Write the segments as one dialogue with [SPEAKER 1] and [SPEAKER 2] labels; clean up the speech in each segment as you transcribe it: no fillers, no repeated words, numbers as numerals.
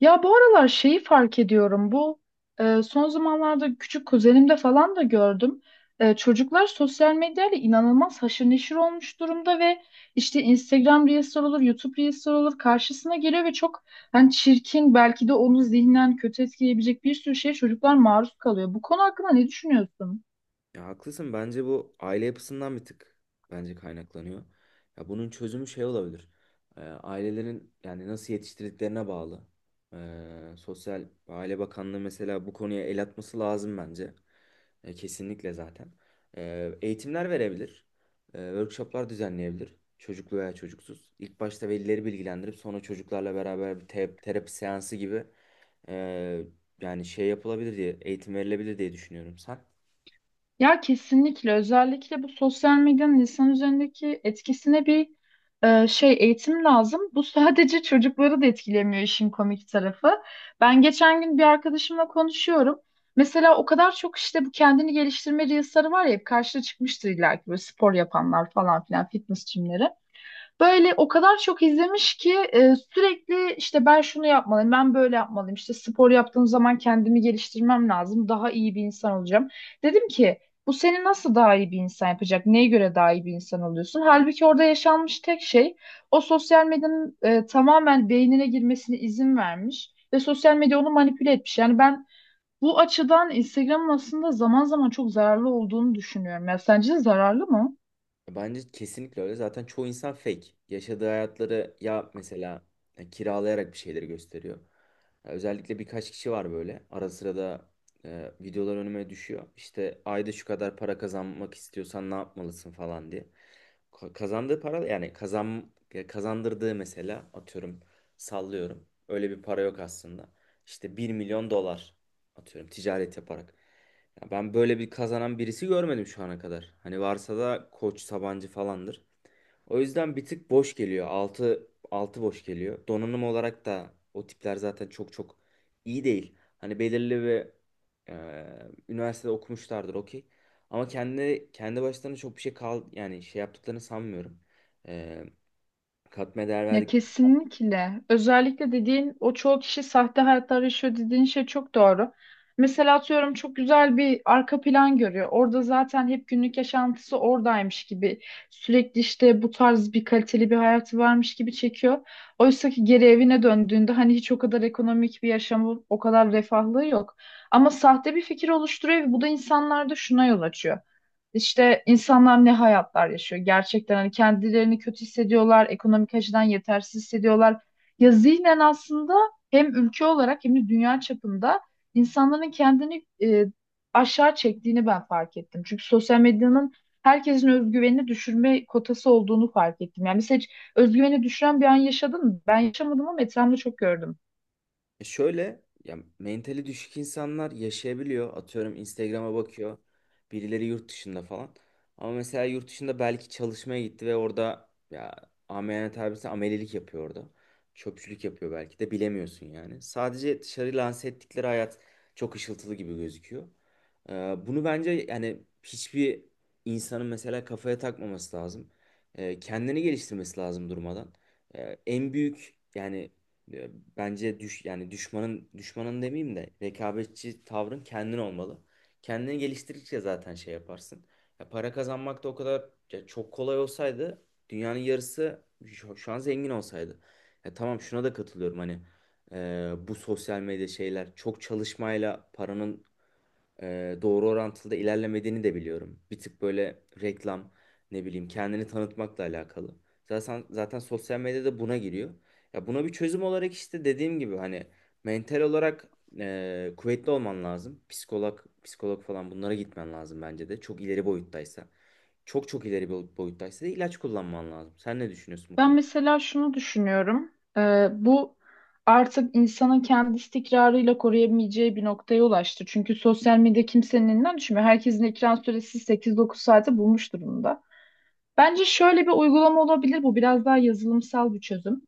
[SPEAKER 1] Ya bu aralar şeyi fark ediyorum. Bu son zamanlarda küçük kuzenimde falan da gördüm. Çocuklar sosyal medyayla inanılmaz haşır neşir olmuş durumda ve işte Instagram Reels olur, YouTube Reels olur karşısına geliyor ve çok hani çirkin belki de onu zihnen kötü etkileyebilecek bir sürü şeye çocuklar maruz kalıyor. Bu konu hakkında ne düşünüyorsun?
[SPEAKER 2] Ya haklısın. Bence bu aile yapısından bir tık bence kaynaklanıyor. Ya bunun çözümü şey olabilir. Ailelerin yani nasıl yetiştirdiklerine bağlı. Sosyal ve Aile Bakanlığı mesela bu konuya el atması lazım bence. Kesinlikle zaten. Eğitimler verebilir. Workshoplar düzenleyebilir. Çocuklu veya çocuksuz. İlk başta velileri bilgilendirip sonra çocuklarla beraber bir terapi seansı gibi ee, yani şey yapılabilir diye eğitim verilebilir diye düşünüyorum. Sen?
[SPEAKER 1] Ya kesinlikle, özellikle bu sosyal medyanın insan üzerindeki etkisine bir eğitim lazım. Bu sadece çocukları da etkilemiyor, işin komik tarafı. Ben geçen gün bir arkadaşımla konuşuyorum. Mesela o kadar çok işte bu kendini geliştirme reels'ları var ya, hep karşına çıkmıştır illa ki, böyle spor yapanlar falan filan, fitness jimleri. Böyle o kadar çok izlemiş ki sürekli işte ben şunu yapmalıyım, ben böyle yapmalıyım. İşte spor yaptığım zaman kendimi geliştirmem lazım. Daha iyi bir insan olacağım. Dedim ki bu seni nasıl daha iyi bir insan yapacak? Neye göre daha iyi bir insan oluyorsun? Halbuki orada yaşanmış tek şey o sosyal medyanın tamamen beynine girmesine izin vermiş ve sosyal medya onu manipüle etmiş. Yani ben bu açıdan Instagram'ın aslında zaman zaman çok zararlı olduğunu düşünüyorum. Ya sence zararlı mı?
[SPEAKER 2] Bence kesinlikle öyle. Zaten çoğu insan fake. Yaşadığı hayatları ya mesela kiralayarak bir şeyleri gösteriyor. Ya özellikle birkaç kişi var böyle. Ara sıra da videolar önüme düşüyor. İşte ayda şu kadar para kazanmak istiyorsan ne yapmalısın falan diye. Kazandığı para yani kazandırdığı mesela atıyorum sallıyorum. Öyle bir para yok aslında. İşte 1 milyon dolar atıyorum ticaret yaparak. Ya ben böyle bir kazanan birisi görmedim şu ana kadar. Hani varsa da Koç Sabancı falandır. O yüzden bir tık boş geliyor. 6 6 boş geliyor. Donanım olarak da o tipler zaten çok çok iyi değil. Hani belirli bir üniversitede okumuşlardır okey. Ama kendi başlarına çok bir şey yani şey yaptıklarını sanmıyorum. E, katma değer.
[SPEAKER 1] Ya kesinlikle. Özellikle dediğin o çoğu kişi sahte hayatlar yaşıyor dediğin şey çok doğru. Mesela atıyorum, çok güzel bir arka plan görüyor. Orada zaten hep günlük yaşantısı oradaymış gibi. Sürekli işte bu tarz bir kaliteli bir hayatı varmış gibi çekiyor. Oysa ki geri evine döndüğünde hani hiç o kadar ekonomik bir yaşamı, o kadar refahlığı yok. Ama sahte bir fikir oluşturuyor ve bu da insanlarda şuna yol açıyor. İşte insanlar ne hayatlar yaşıyor gerçekten, hani kendilerini kötü hissediyorlar, ekonomik açıdan yetersiz hissediyorlar. Ya zihnen aslında hem ülke olarak hem de dünya çapında insanların kendini aşağı çektiğini ben fark ettim. Çünkü sosyal medyanın herkesin özgüvenini düşürme kotası olduğunu fark ettim. Yani mesela hiç özgüveni düşüren bir an yaşadın mı? Ben yaşamadım ama etrafımda çok gördüm.
[SPEAKER 2] Şöyle ya mentali düşük insanlar yaşayabiliyor. Atıyorum Instagram'a bakıyor. Birileri yurt dışında falan. Ama mesela yurt dışında belki çalışmaya gitti ve orada ya ameliyat tabirse amelilik yapıyor orada. Çöpçülük yapıyor belki de bilemiyorsun yani. Sadece dışarı lanse ettikleri hayat çok ışıltılı gibi gözüküyor. Ee, bunu bence yani hiçbir insanın mesela kafaya takmaması lazım. Kendini geliştirmesi lazım durmadan. En büyük yani, e, bence yani düşmanın düşmanın demeyeyim de, rekabetçi tavrın kendin olmalı. Kendini geliştirdikçe zaten şey yaparsın. Ya para kazanmak da o kadar ya çok kolay olsaydı dünyanın yarısı şu an zengin olsaydı. Ya tamam şuna da katılıyorum hani bu sosyal medya şeyler çok çalışmayla paranın doğru orantılı da ilerlemediğini de biliyorum. Bir tık böyle reklam ne bileyim kendini tanıtmakla alakalı. Zaten sosyal medyada buna giriyor. Ya buna bir çözüm olarak işte dediğim gibi hani mental olarak kuvvetli olman lazım. Psikolog, psikolog falan bunlara gitmen lazım bence de. Çok ileri boyuttaysa. Çok çok ileri bir boyuttaysa da ilaç kullanman lazım. Sen ne düşünüyorsun bu
[SPEAKER 1] Ben
[SPEAKER 2] konuda?
[SPEAKER 1] mesela şunu düşünüyorum. Bu artık insanın kendi istikrarıyla koruyamayacağı bir noktaya ulaştı. Çünkü sosyal medya kimsenin elinden düşmüyor. Herkesin ekran süresi 8-9 saate bulmuş durumda. Bence şöyle bir uygulama olabilir bu. Biraz daha yazılımsal bir çözüm.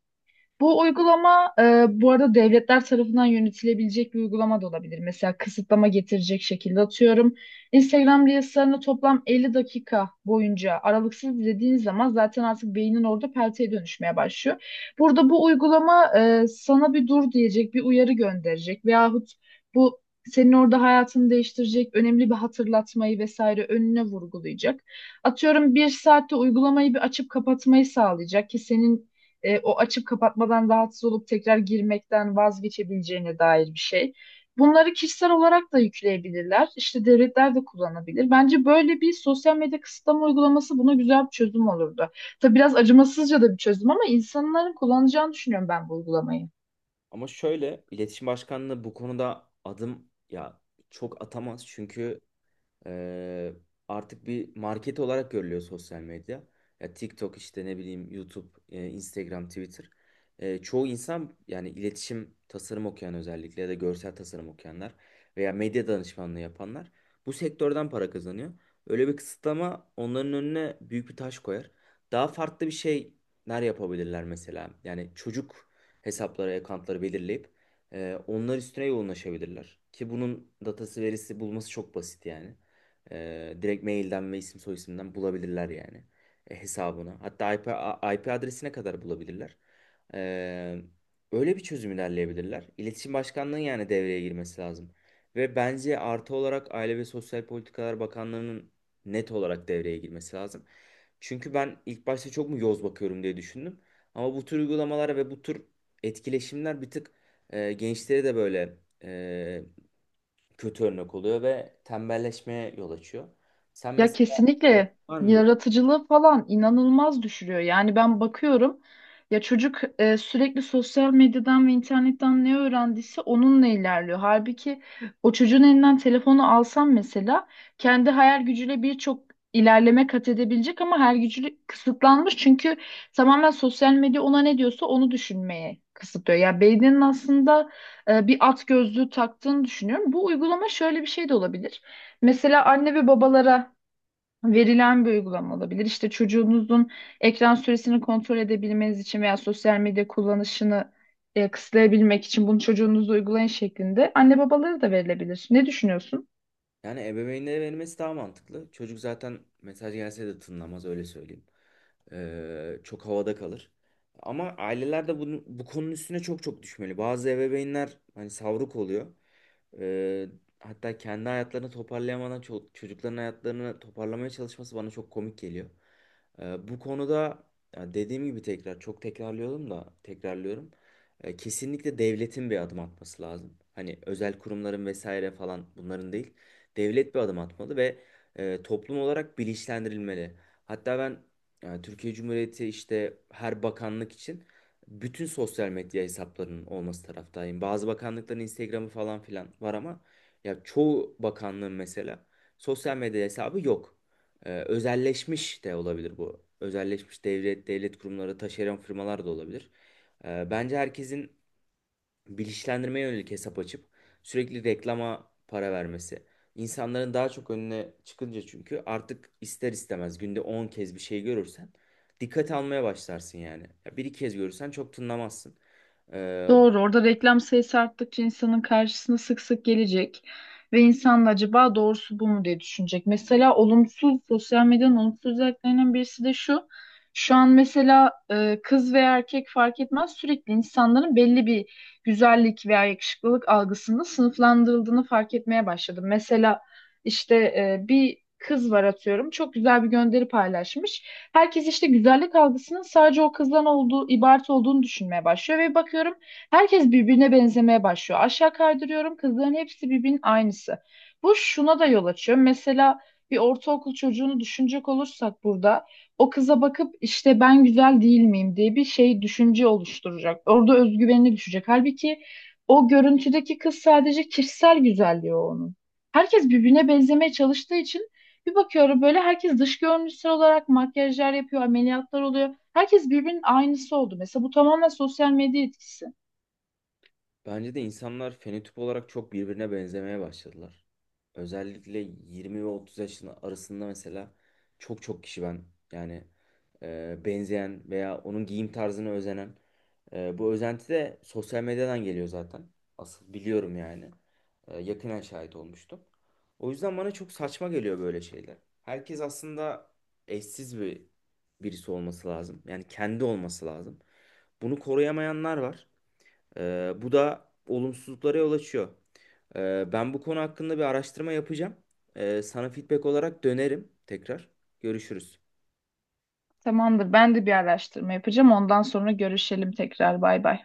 [SPEAKER 1] Bu uygulama, bu arada devletler tarafından yönetilebilecek bir uygulama da olabilir. Mesela kısıtlama getirecek şekilde, atıyorum. Instagram Reels'larını toplam 50 dakika boyunca aralıksız izlediğiniz zaman zaten artık beynin orada pelteye dönüşmeye başlıyor. Burada bu uygulama sana bir dur diyecek, bir uyarı gönderecek veyahut bu senin orada hayatını değiştirecek önemli bir hatırlatmayı vesaire önüne vurgulayacak. Atıyorum bir saatte uygulamayı bir açıp kapatmayı sağlayacak ki senin o açıp kapatmadan rahatsız olup tekrar girmekten vazgeçebileceğine dair bir şey. Bunları kişisel olarak da yükleyebilirler. İşte devletler de kullanabilir. Bence böyle bir sosyal medya kısıtlama uygulaması buna güzel bir çözüm olurdu. Tabii biraz acımasızca da bir çözüm ama insanların kullanacağını düşünüyorum ben bu uygulamayı.
[SPEAKER 2] Ama şöyle iletişim başkanlığı bu konuda adım ya çok atamaz, çünkü Ee, artık bir market olarak görülüyor sosyal medya. Ya TikTok işte ne bileyim YouTube, Instagram, Twitter. Çoğu insan yani iletişim tasarım okuyan özellikle ya da görsel tasarım okuyanlar veya medya danışmanlığı yapanlar bu sektörden para kazanıyor. Öyle bir kısıtlama onların önüne büyük bir taş koyar. Daha farklı bir şeyler yapabilirler mesela. Yani çocuk hesapları, accountları belirleyip onlar üstüne yoğunlaşabilirler. Ki bunun datası verisi bulması çok basit yani. Direkt mailden ve isim soyisimden bulabilirler yani hesabını. Hatta IP adresine kadar bulabilirler. Ee, öyle bir çözüm ilerleyebilirler. İletişim Başkanlığı'nın yani devreye girmesi lazım. Ve bence artı olarak Aile ve Sosyal Politikalar Bakanlığı'nın net olarak devreye girmesi lazım. Çünkü ben ilk başta çok mu yoz bakıyorum diye düşündüm. Ama bu tür uygulamalara ve bu tür etkileşimler bir tık gençlere de böyle e, kötü örnek oluyor ve tembelleşmeye yol açıyor. Sen
[SPEAKER 1] Ya
[SPEAKER 2] mesela
[SPEAKER 1] kesinlikle,
[SPEAKER 2] var mı böyle?
[SPEAKER 1] yaratıcılığı falan inanılmaz düşürüyor. Yani ben bakıyorum, ya çocuk sürekli sosyal medyadan ve internetten ne öğrendiyse onunla ilerliyor. Halbuki o çocuğun elinden telefonu alsam mesela kendi hayal gücüyle birçok ilerleme kat edebilecek ama hayal gücü kısıtlanmış. Çünkü tamamen sosyal medya ona ne diyorsa onu düşünmeye kısıtlıyor. Ya beyninin aslında bir at gözlüğü taktığını düşünüyorum. Bu uygulama şöyle bir şey de olabilir. Mesela anne ve babalara verilen bir uygulama olabilir. İşte çocuğunuzun ekran süresini kontrol edebilmeniz için veya sosyal medya kullanışını kısıtlayabilmek için bunu çocuğunuza uygulayın şeklinde anne babalara da verilebilir. Ne düşünüyorsun?
[SPEAKER 2] Yani ebeveynlere verilmesi daha mantıklı. Çocuk zaten mesaj gelse de tınlamaz öyle söyleyeyim. Çok havada kalır. Ama aileler de bu konunun üstüne çok çok düşmeli. Bazı ebeveynler hani savruk oluyor. Ee, hatta kendi hayatlarını toparlayamadan çocukların hayatlarını toparlamaya çalışması bana çok komik geliyor. Bu konuda ya dediğim gibi tekrar çok tekrarlıyorum da tekrarlıyorum. Kesinlikle devletin bir adım atması lazım. Hani özel kurumların vesaire falan bunların değil. Devlet bir adım atmalı ve toplum olarak bilinçlendirilmeli. Hatta ben yani Türkiye Cumhuriyeti işte her bakanlık için bütün sosyal medya hesaplarının olması taraftayım. Bazı bakanlıkların Instagram'ı falan filan var ama ya çoğu bakanlığın mesela sosyal medya hesabı yok. Özelleşmiş de olabilir bu. Özelleşmiş devlet kurumları, taşeron firmalar da olabilir. Bence herkesin bilinçlendirmeye yönelik hesap açıp sürekli reklama para vermesi. İnsanların daha çok önüne çıkınca çünkü artık ister istemez günde 10 kez bir şey görürsen dikkat almaya başlarsın yani. Ya bir iki kez görürsen çok tınlamazsın. Ee,
[SPEAKER 1] Doğru. Orada reklam sayısı arttıkça insanın karşısına sık sık gelecek ve insan da acaba doğrusu bu mu diye düşünecek. Mesela olumsuz, sosyal medyanın olumsuz özelliklerinden birisi de şu. Şu an mesela kız veya erkek fark etmez, sürekli insanların belli bir güzellik veya yakışıklılık algısında sınıflandırıldığını fark etmeye başladım. Mesela işte bir kız var, atıyorum, çok güzel bir gönderi paylaşmış. Herkes işte güzellik algısının sadece o kızdan olduğu, ibaret olduğunu düşünmeye başlıyor ve bakıyorum herkes birbirine benzemeye başlıyor. Aşağı kaydırıyorum, kızların hepsi birbirinin aynısı. Bu şuna da yol açıyor. Mesela bir ortaokul çocuğunu düşünecek olursak, burada o kıza bakıp işte ben güzel değil miyim diye bir şey, düşünce oluşturacak. Orada özgüvenini düşecek. Halbuki o görüntüdeki kız sadece kişisel güzelliği o onun. Herkes birbirine benzemeye çalıştığı için bir bakıyorum böyle herkes dış görünüşsel olarak makyajlar yapıyor, ameliyatlar oluyor. Herkes birbirinin aynısı oldu. Mesela bu tamamen sosyal medya etkisi.
[SPEAKER 2] Bence de insanlar fenotip olarak çok birbirine benzemeye başladılar. Özellikle 20 ve 30 yaşın arasında mesela çok çok kişi ben yani benzeyen veya onun giyim tarzına özenen, bu özenti de sosyal medyadan geliyor zaten. Asıl biliyorum yani. Yakinen şahit olmuştum. O yüzden bana çok saçma geliyor böyle şeyler. Herkes aslında eşsiz bir birisi olması lazım. Yani kendi olması lazım. Bunu koruyamayanlar var. Bu da olumsuzluklara yol açıyor. Ben bu konu hakkında bir araştırma yapacağım. Sana feedback olarak dönerim tekrar. Görüşürüz.
[SPEAKER 1] Tamamdır. Ben de bir araştırma yapacağım. Ondan sonra görüşelim tekrar. Bay bay.